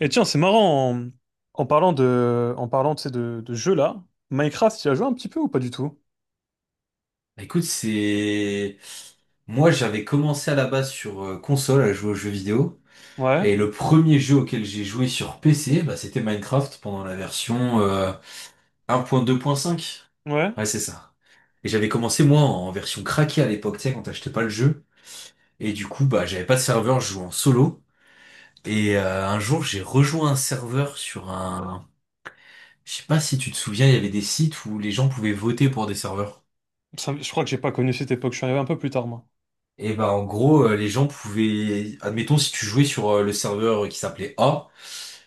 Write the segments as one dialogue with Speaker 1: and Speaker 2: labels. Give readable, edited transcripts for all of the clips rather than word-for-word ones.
Speaker 1: Et tiens, c'est marrant, en parlant, tu sais, de jeux là, Minecraft, tu y as joué un petit peu ou pas du tout?
Speaker 2: Bah, écoute, c'est... Moi, j'avais commencé à la base sur console à jouer aux jeux vidéo.
Speaker 1: Ouais,
Speaker 2: Et le premier jeu auquel j'ai joué sur PC, bah, c'était Minecraft pendant la version 1.2.5.
Speaker 1: ouais.
Speaker 2: Ouais, c'est ça. Et j'avais commencé, moi, en version craquée à l'époque, tu sais, quand t'achetais pas le jeu. Et du coup, bah, j'avais pas de serveur, je jouais en solo. Et un jour, j'ai rejoint un serveur sur un... Je sais pas si tu te souviens, il y avait des sites où les gens pouvaient voter pour des serveurs.
Speaker 1: Je crois que j'ai pas connu cette époque, je suis arrivé un peu plus tard, moi.
Speaker 2: Et ben en gros, les gens pouvaient, admettons, si tu jouais sur le serveur qui s'appelait A,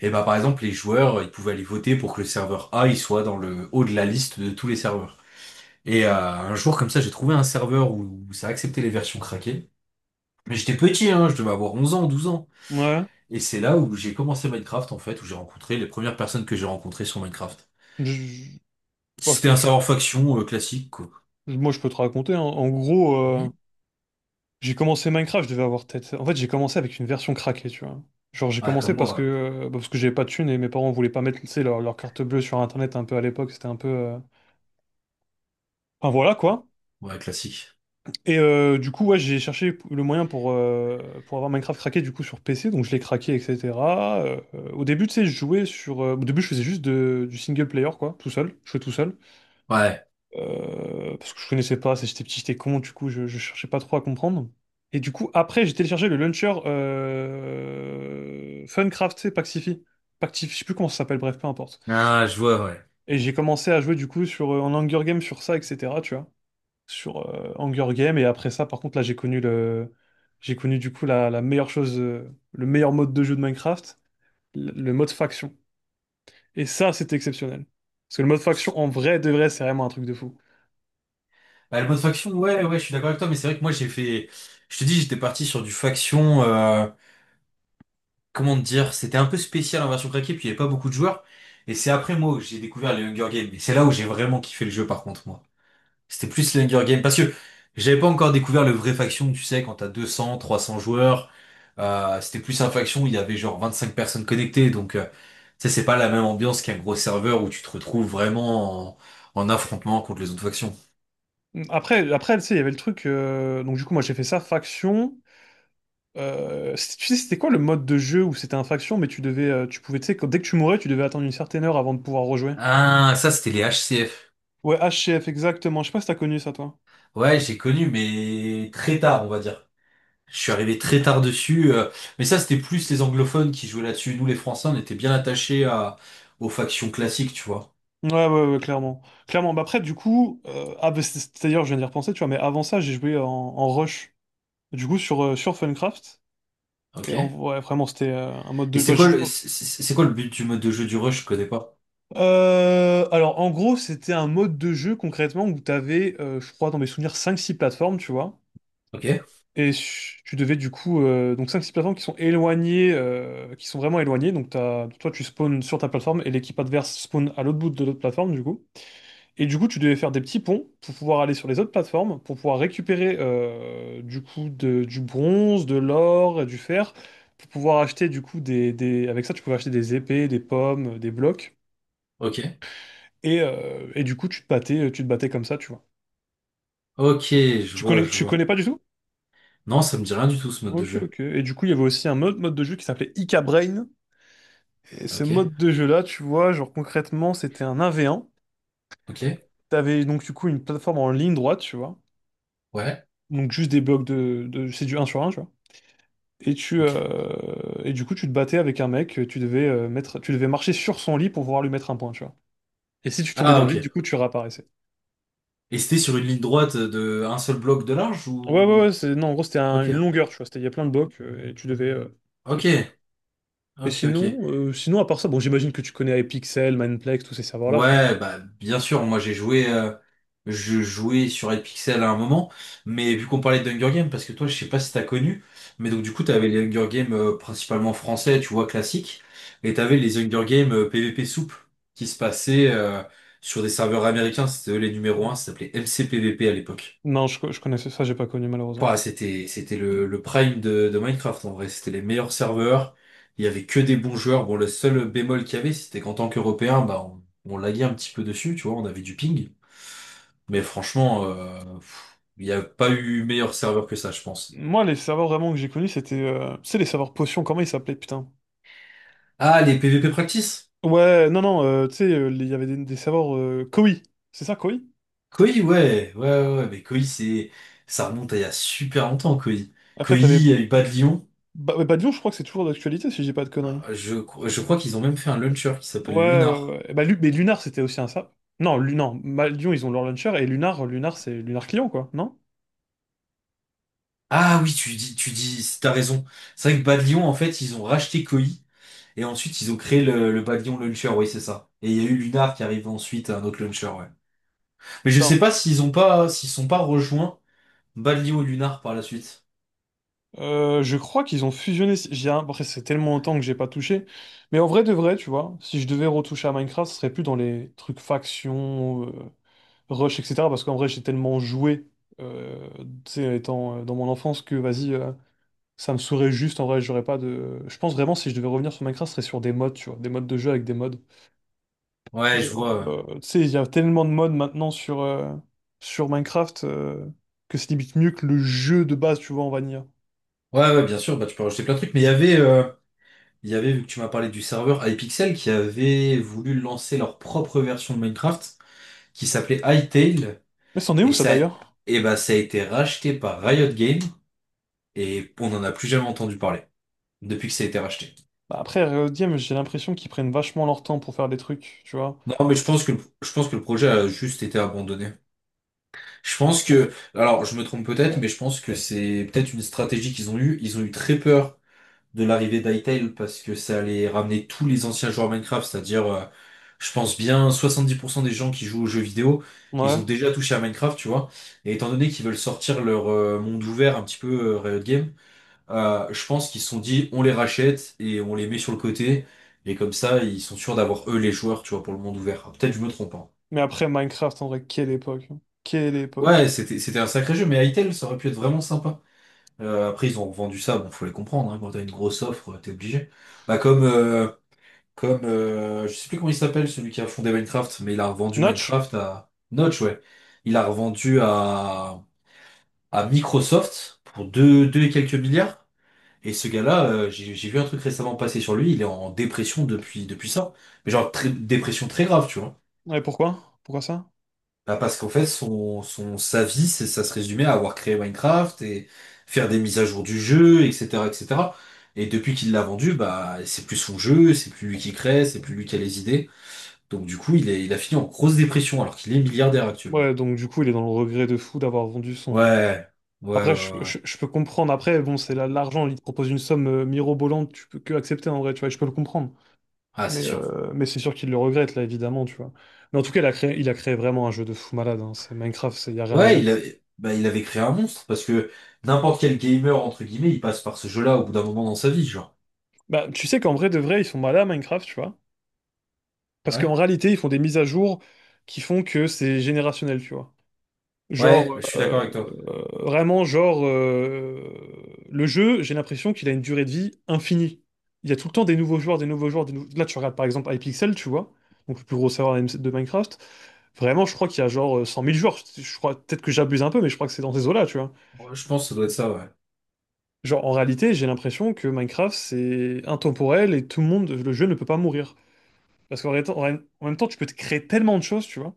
Speaker 2: et ben par exemple les joueurs, ils pouvaient aller voter pour que le serveur A il soit dans le haut de la liste de tous les serveurs. Et un jour comme ça, j'ai trouvé un serveur où ça acceptait les versions craquées. Mais j'étais petit, hein, je devais avoir 11 ans, 12 ans.
Speaker 1: Ouais.
Speaker 2: Et c'est là où j'ai commencé Minecraft en fait, où j'ai rencontré les premières personnes que j'ai rencontrées sur Minecraft.
Speaker 1: Je- je- bon,
Speaker 2: C'était un serveur faction classique quoi.
Speaker 1: moi, je peux te raconter, hein. En gros,
Speaker 2: Mhm.
Speaker 1: j'ai commencé Minecraft, je devais avoir peut-être... En fait, j'ai commencé avec une version craquée, tu vois. Genre, j'ai
Speaker 2: Ouais,
Speaker 1: commencé
Speaker 2: comme
Speaker 1: parce que,
Speaker 2: moi.
Speaker 1: bah, parce que j'avais pas de thunes et mes parents voulaient pas mettre, tu sais, leur carte bleue sur Internet un peu à l'époque, c'était un peu... Enfin, voilà, quoi.
Speaker 2: Ouais, ouais, classique.
Speaker 1: Et du coup, ouais, j'ai cherché le moyen pour avoir Minecraft craqué du coup sur PC, donc je l'ai craqué, etc. Au début, tu sais, je jouais sur. Au début, je faisais juste du single player, quoi, tout seul. Je jouais tout seul.
Speaker 2: Ouais.
Speaker 1: Parce que je connaissais pas, j'étais petit, j'étais con, du coup, je cherchais pas trop à comprendre. Et du coup, après, j'ai téléchargé le launcher Funcraft, tu sais, Pactify. Pactify, je sais plus comment ça s'appelle, bref, peu importe.
Speaker 2: Ah, je vois, ouais.
Speaker 1: Et j'ai commencé à jouer du coup sur, en Hunger Games sur ça, etc., tu vois sur Hunger Games. Et après ça, par contre, là, j'ai connu du coup la meilleure chose, le meilleur mode de jeu de Minecraft, le mode faction. Et ça, c'était exceptionnel. Parce que le mode faction, en vrai, de vrai, c'est vraiment un truc de fou.
Speaker 2: Bah, le mode faction, ouais, ouais, je suis d'accord avec toi, mais c'est vrai que moi j'ai fait. Je te dis, j'étais parti sur du faction. Comment te dire? C'était un peu spécial en version craquée, puis il n'y avait pas beaucoup de joueurs. Et c'est après moi que j'ai découvert les Hunger Games. Et c'est là où j'ai vraiment kiffé le jeu, par contre, moi. C'était plus les Hunger Games. Parce que j'avais pas encore découvert le vrai faction, tu sais, quand t'as 200, 300 joueurs. C'était plus un faction où il y avait genre 25 personnes connectées. Donc, tu sais, c'est pas la même ambiance qu'un gros serveur où tu te retrouves vraiment en affrontement contre les autres factions.
Speaker 1: Après, tu sais, il y avait le truc. Donc du coup, moi, j'ai fait ça faction. Tu sais, c'était quoi le mode de jeu où c'était un faction, mais tu pouvais, tu sais, dès que tu mourais, tu devais attendre une certaine heure avant de pouvoir rejouer.
Speaker 2: Ah, ça, c'était les HCF.
Speaker 1: Ouais, H C F exactement. Je sais pas si t'as connu ça, toi.
Speaker 2: Ouais, j'ai connu, mais très tard, on va dire. Je suis arrivé très tard dessus. Mais ça, c'était plus les anglophones qui jouaient là-dessus. Nous, les Français, on était bien attachés aux factions classiques, tu vois.
Speaker 1: Ouais, ouais, ouais, clairement. Bah après, du coup, d'ailleurs, je viens d'y repenser, tu vois, mais avant ça, j'ai joué en Rush. Du coup, sur Funcraft.
Speaker 2: Ok.
Speaker 1: Et en,
Speaker 2: Et
Speaker 1: ouais, vraiment, c'était un mode de jeu.
Speaker 2: c'est quoi le, c'est c'est quoi le but du mode de jeu du rush? Je connais pas.
Speaker 1: Alors, en gros, c'était un mode de jeu concrètement où je crois, dans mes souvenirs, cinq six plateformes, tu vois.
Speaker 2: Ok.
Speaker 1: Et ch- tu devais, du coup, donc cinq six plateformes qui sont éloignées, qui sont vraiment éloignées. Donc, toi, tu spawns sur ta plateforme et l'équipe adverse spawn à l'autre bout de l'autre plateforme, du coup. Et du coup, tu devais faire des petits ponts pour pouvoir aller sur les autres plateformes, pour pouvoir récupérer du coup du bronze, de l'or, et du fer, pour pouvoir acheter du coup avec ça, tu pouvais acheter des épées, des pommes, des blocs.
Speaker 2: Ok.
Speaker 1: Et du coup, tu te battais comme ça, tu vois.
Speaker 2: Ok, je vois, je
Speaker 1: Tu connais
Speaker 2: vois.
Speaker 1: pas du tout?
Speaker 2: Non, ça me dit rien du tout, ce mode de
Speaker 1: Ok,
Speaker 2: jeu.
Speaker 1: ok. Et du coup, il y avait aussi un autre mode de jeu qui s'appelait Ika Brain. Et ce
Speaker 2: Ok.
Speaker 1: mode de jeu-là, tu vois, genre concrètement, c'était un 1v1.
Speaker 2: Ok.
Speaker 1: T'avais donc du coup une plateforme en ligne droite, tu vois.
Speaker 2: Ouais.
Speaker 1: Donc juste des blocs de... C'est du un sur un, tu vois. Et tu
Speaker 2: Ok.
Speaker 1: et du coup tu te battais avec un mec, tu devais marcher sur son lit pour pouvoir lui mettre un point, tu vois. Et si tu tombais
Speaker 2: Ah,
Speaker 1: dans le vide,
Speaker 2: ok.
Speaker 1: du coup tu réapparaissais.
Speaker 2: Et c'était sur une ligne droite de un seul bloc de large ou...
Speaker 1: Ouais, c'est non en gros
Speaker 2: Ok.
Speaker 1: une longueur, tu vois, c'était il y a plein de blocs tu devais partir.
Speaker 2: Ok.
Speaker 1: Et
Speaker 2: Ok,
Speaker 1: sinon
Speaker 2: ok.
Speaker 1: sinon à part ça, bon j'imagine que tu connais Epixel, Mineplex, tous ces serveurs là, tu vois.
Speaker 2: Ouais, bah bien sûr, moi j'ai joué je jouais sur Red Pixel à un moment, mais vu qu'on parlait d'Hunger Games, parce que toi je sais pas si t'as connu, mais donc du coup t'avais les Hunger Games principalement français, tu vois, classiques, et t'avais les Hunger Games PVP soupe qui se passaient sur des serveurs américains, c'était eux les numéros un. Ça s'appelait MCPVP à l'époque.
Speaker 1: Non, je connaissais ça, j'ai pas connu malheureusement.
Speaker 2: Ouah, c'était le prime de Minecraft en vrai. C'était les meilleurs serveurs. Il y avait que des bons joueurs. Bon, le seul bémol qu'il y avait, c'était qu'en tant qu'Européen, bah, on laguait un petit peu dessus, tu vois, on avait du ping. Mais franchement, il n'y a pas eu meilleur serveur que ça, je pense.
Speaker 1: Moi les serveurs vraiment que j'ai connus c'était tu sais les serveurs potions, comment ils s'appelaient putain?
Speaker 2: Ah, les PvP Practice?
Speaker 1: Ouais, non non, tu sais il y avait des serveurs Koi, c'est ça Koi?
Speaker 2: Koi, ouais, ouais, ouais, ouais, mais Koi, c'est, ça remonte à il y a super longtemps, Koi.
Speaker 1: Après
Speaker 2: Koi,
Speaker 1: t'avais...
Speaker 2: il y a eu Bas de Lyon.
Speaker 1: Ouais, Badiou, je crois que c'est toujours d'actualité si je dis pas de conneries.
Speaker 2: Ah, je crois qu'ils ont même fait un launcher qui s'appelle
Speaker 1: Ouais, ouais,
Speaker 2: Lunar.
Speaker 1: ouais. Et bah, mais Lunar, c'était aussi un sap. Non, non, Badiou, ils ont leur launcher et Lunar, c'est Lunar client, quoi, non?
Speaker 2: Ah oui, tu dis, t'as raison. C'est vrai que Bad Lion en fait, ils ont racheté Koei et ensuite ils ont créé le Bad Lion Launcher, oui, c'est ça. Et il y a eu Lunar qui arrive ensuite, un autre launcher, ouais. Mais je sais
Speaker 1: Attends,
Speaker 2: pas s'ils ont pas, s'ils sont pas rejoints Bad Lion ou Lunar par la suite.
Speaker 1: je crois qu'ils ont fusionné. Si, après, c'est tellement longtemps que j'ai pas touché. Mais en vrai de vrai, tu vois, si je devais retoucher à Minecraft, ce serait plus dans les trucs factions, rush, etc. Parce qu'en vrai, j'ai tellement joué, euh, tu sais, étant dans mon enfance que vas-y, ça me saurait juste. En vrai, j'aurais pas de. Je pense vraiment, si je devais revenir sur Minecraft, ce serait sur des modes, tu vois, des modes de jeu avec des mods.
Speaker 2: Ouais, je
Speaker 1: Genre,
Speaker 2: vois.
Speaker 1: tu sais, il y a tellement de modes maintenant sur, sur Minecraft que c'est limite mieux que le jeu de base, tu vois, en vanilla.
Speaker 2: Ouais, ouais, bien sûr, bah tu peux rajouter plein de trucs, mais il y avait, vu que tu m'as parlé du serveur iPixel qui avait voulu lancer leur propre version de Minecraft qui s'appelait Hytale
Speaker 1: Mais c'en est où
Speaker 2: et
Speaker 1: ça
Speaker 2: ça,
Speaker 1: d'ailleurs?
Speaker 2: et bah ça a été racheté par Riot Games et on n'en a plus jamais entendu parler depuis que ça a été racheté.
Speaker 1: Bah, après, Riot Games, j'ai l'impression qu'ils prennent vachement leur temps pour faire des trucs, tu vois.
Speaker 2: Non, mais je pense que le projet a juste été abandonné. Je pense que, alors je me trompe peut-être, mais je pense que c'est peut-être une stratégie qu'ils ont eue. Ils ont eu très peur de l'arrivée d'Hytale parce que ça allait ramener tous les anciens joueurs Minecraft, c'est-à-dire, je pense bien 70% des gens qui jouent aux jeux vidéo, ils
Speaker 1: Ouais.
Speaker 2: ont déjà touché à Minecraft, tu vois. Et étant donné qu'ils veulent sortir leur monde ouvert un petit peu Riot Games, je pense qu'ils se sont dit, on les rachète et on les met sur le côté. Et comme ça, ils sont sûrs d'avoir eux les joueurs, tu vois, pour le monde ouvert. Ah, peut-être je me trompe, hein.
Speaker 1: Mais après, Minecraft, en vrai, quelle époque, hein. Quelle époque.
Speaker 2: Ouais, c'était un sacré jeu, mais Hytale, ça aurait pu être vraiment sympa. Après, ils ont vendu ça, bon, faut les comprendre, hein, quand t'as une grosse offre, t'es obligé. Bah comme je sais plus comment il s'appelle, celui qui a fondé Minecraft, mais il a revendu
Speaker 1: Notch?
Speaker 2: Minecraft à Notch, ouais. Il a revendu à Microsoft pour deux, deux et quelques milliards. Et ce gars-là, j'ai vu un truc récemment passer sur lui, il est en dépression depuis, depuis ça. Mais genre, dépression très grave, tu vois.
Speaker 1: Ouais, pourquoi? Pourquoi ça?
Speaker 2: Bah, parce qu'en fait, sa vie, ça se résumait à avoir créé Minecraft et faire des mises à jour du jeu, etc., etc. Et cetera. Et depuis qu'il l'a vendu, bah, c'est plus son jeu, c'est plus lui qui crée, c'est plus lui qui a les idées. Donc, du coup, il a fini en grosse dépression alors qu'il est milliardaire actuellement.
Speaker 1: Ouais, donc du coup, il est dans le regret de fou d'avoir vendu son.
Speaker 2: Ouais, ouais, ouais,
Speaker 1: Après,
Speaker 2: ouais, ouais.
Speaker 1: je peux comprendre. Après, bon, l'argent, il te propose une somme mirobolante, tu peux que accepter en vrai, tu vois, je peux le comprendre.
Speaker 2: Ah, c'est sûr.
Speaker 1: Mais c'est sûr qu'il le regrette, là, évidemment, tu vois. Mais en tout cas, il a créé vraiment un jeu de fou malade, hein. C'est Minecraft, il n'y a rien à
Speaker 2: Ouais,
Speaker 1: dire.
Speaker 2: il avait, bah, il avait créé un monstre parce que n'importe quel gamer, entre guillemets, il passe par ce jeu-là au bout d'un moment dans sa vie, genre.
Speaker 1: Bah, tu sais qu'en vrai, de vrai, ils sont malades à Minecraft, tu vois. Parce qu'en
Speaker 2: Ouais,
Speaker 1: réalité, ils font des mises à jour qui font que c'est générationnel, tu vois.
Speaker 2: ouais,
Speaker 1: Genre,
Speaker 2: je suis d'accord avec toi.
Speaker 1: vraiment, genre, le jeu, j'ai l'impression qu'il a une durée de vie infinie. Il y a tout le temps des nouveaux joueurs, des nouveaux joueurs, des nou- là, tu regardes par exemple iPixel, tu vois, donc le plus gros serveur de Minecraft. Vraiment, je crois qu'il y a genre 100 000 joueurs. Je crois, peut-être que j'abuse un peu, mais je crois que c'est dans ces eaux-là, tu vois.
Speaker 2: Je pense que ça doit être ça, ouais.
Speaker 1: Genre, en réalité, j'ai l'impression que Minecraft, c'est intemporel et tout le monde, le jeu ne peut pas mourir. Parce qu'en ré- en ré- En même temps, tu peux te créer tellement de choses, tu vois.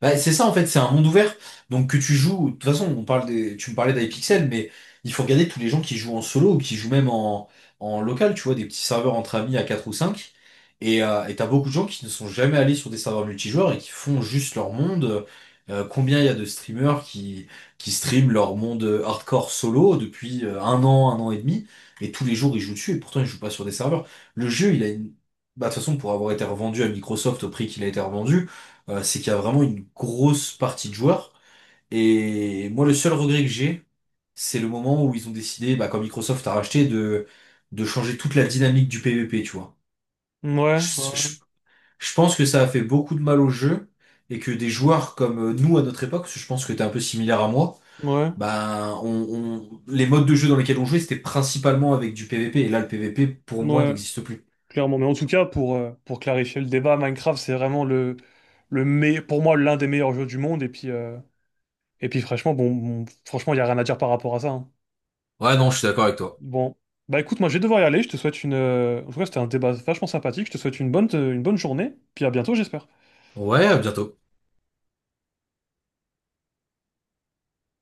Speaker 2: Bah, c'est ça en fait, c'est un monde ouvert. Donc que tu joues, de toute façon, on parle des, tu me parlais d'iPixel, mais il faut regarder tous les gens qui jouent en solo ou qui jouent même en local, tu vois, des petits serveurs entre amis à 4 ou 5. Et t'as beaucoup de gens qui ne sont jamais allés sur des serveurs multijoueurs et qui font juste leur monde. Combien il y a de streamers qui streament leur monde hardcore solo depuis un an et demi, et tous les jours ils jouent dessus, et pourtant ils jouent pas sur des serveurs. Le jeu, il a une... Bah, de toute façon, pour avoir été revendu à Microsoft au prix qu'il a été revendu, c'est qu'il y a vraiment une grosse partie de joueurs. Et moi, le seul regret que j'ai, c'est le moment où ils ont décidé, bah, quand Microsoft a racheté, de changer toute la dynamique du PvP, tu vois.
Speaker 1: Ouais,
Speaker 2: Je, je- je pense que ça a fait beaucoup de mal au jeu et que des joueurs comme nous à notre époque, parce que je pense que t'es un peu similaire à moi,
Speaker 1: ouais, ouais.
Speaker 2: bah, les modes de jeu dans lesquels on jouait, c'était principalement avec du PvP. Et là, le PvP, pour moi,
Speaker 1: ouais.
Speaker 2: n'existe plus.
Speaker 1: Clairement, mais en tout cas, pour clarifier le débat, Minecraft, c'est vraiment pour moi l'un des meilleurs jeux du monde. Et puis franchement, franchement, il n'y a rien à dire par rapport à ça, hein.
Speaker 2: Ouais, non, je suis d'accord avec toi.
Speaker 1: Bon, bah écoute, moi je vais devoir y aller. Je te souhaite une. En tout cas, c'était un débat vachement sympathique. Je te souhaite une bonne journée. Puis à bientôt, j'espère.
Speaker 2: Ouais, à bientôt.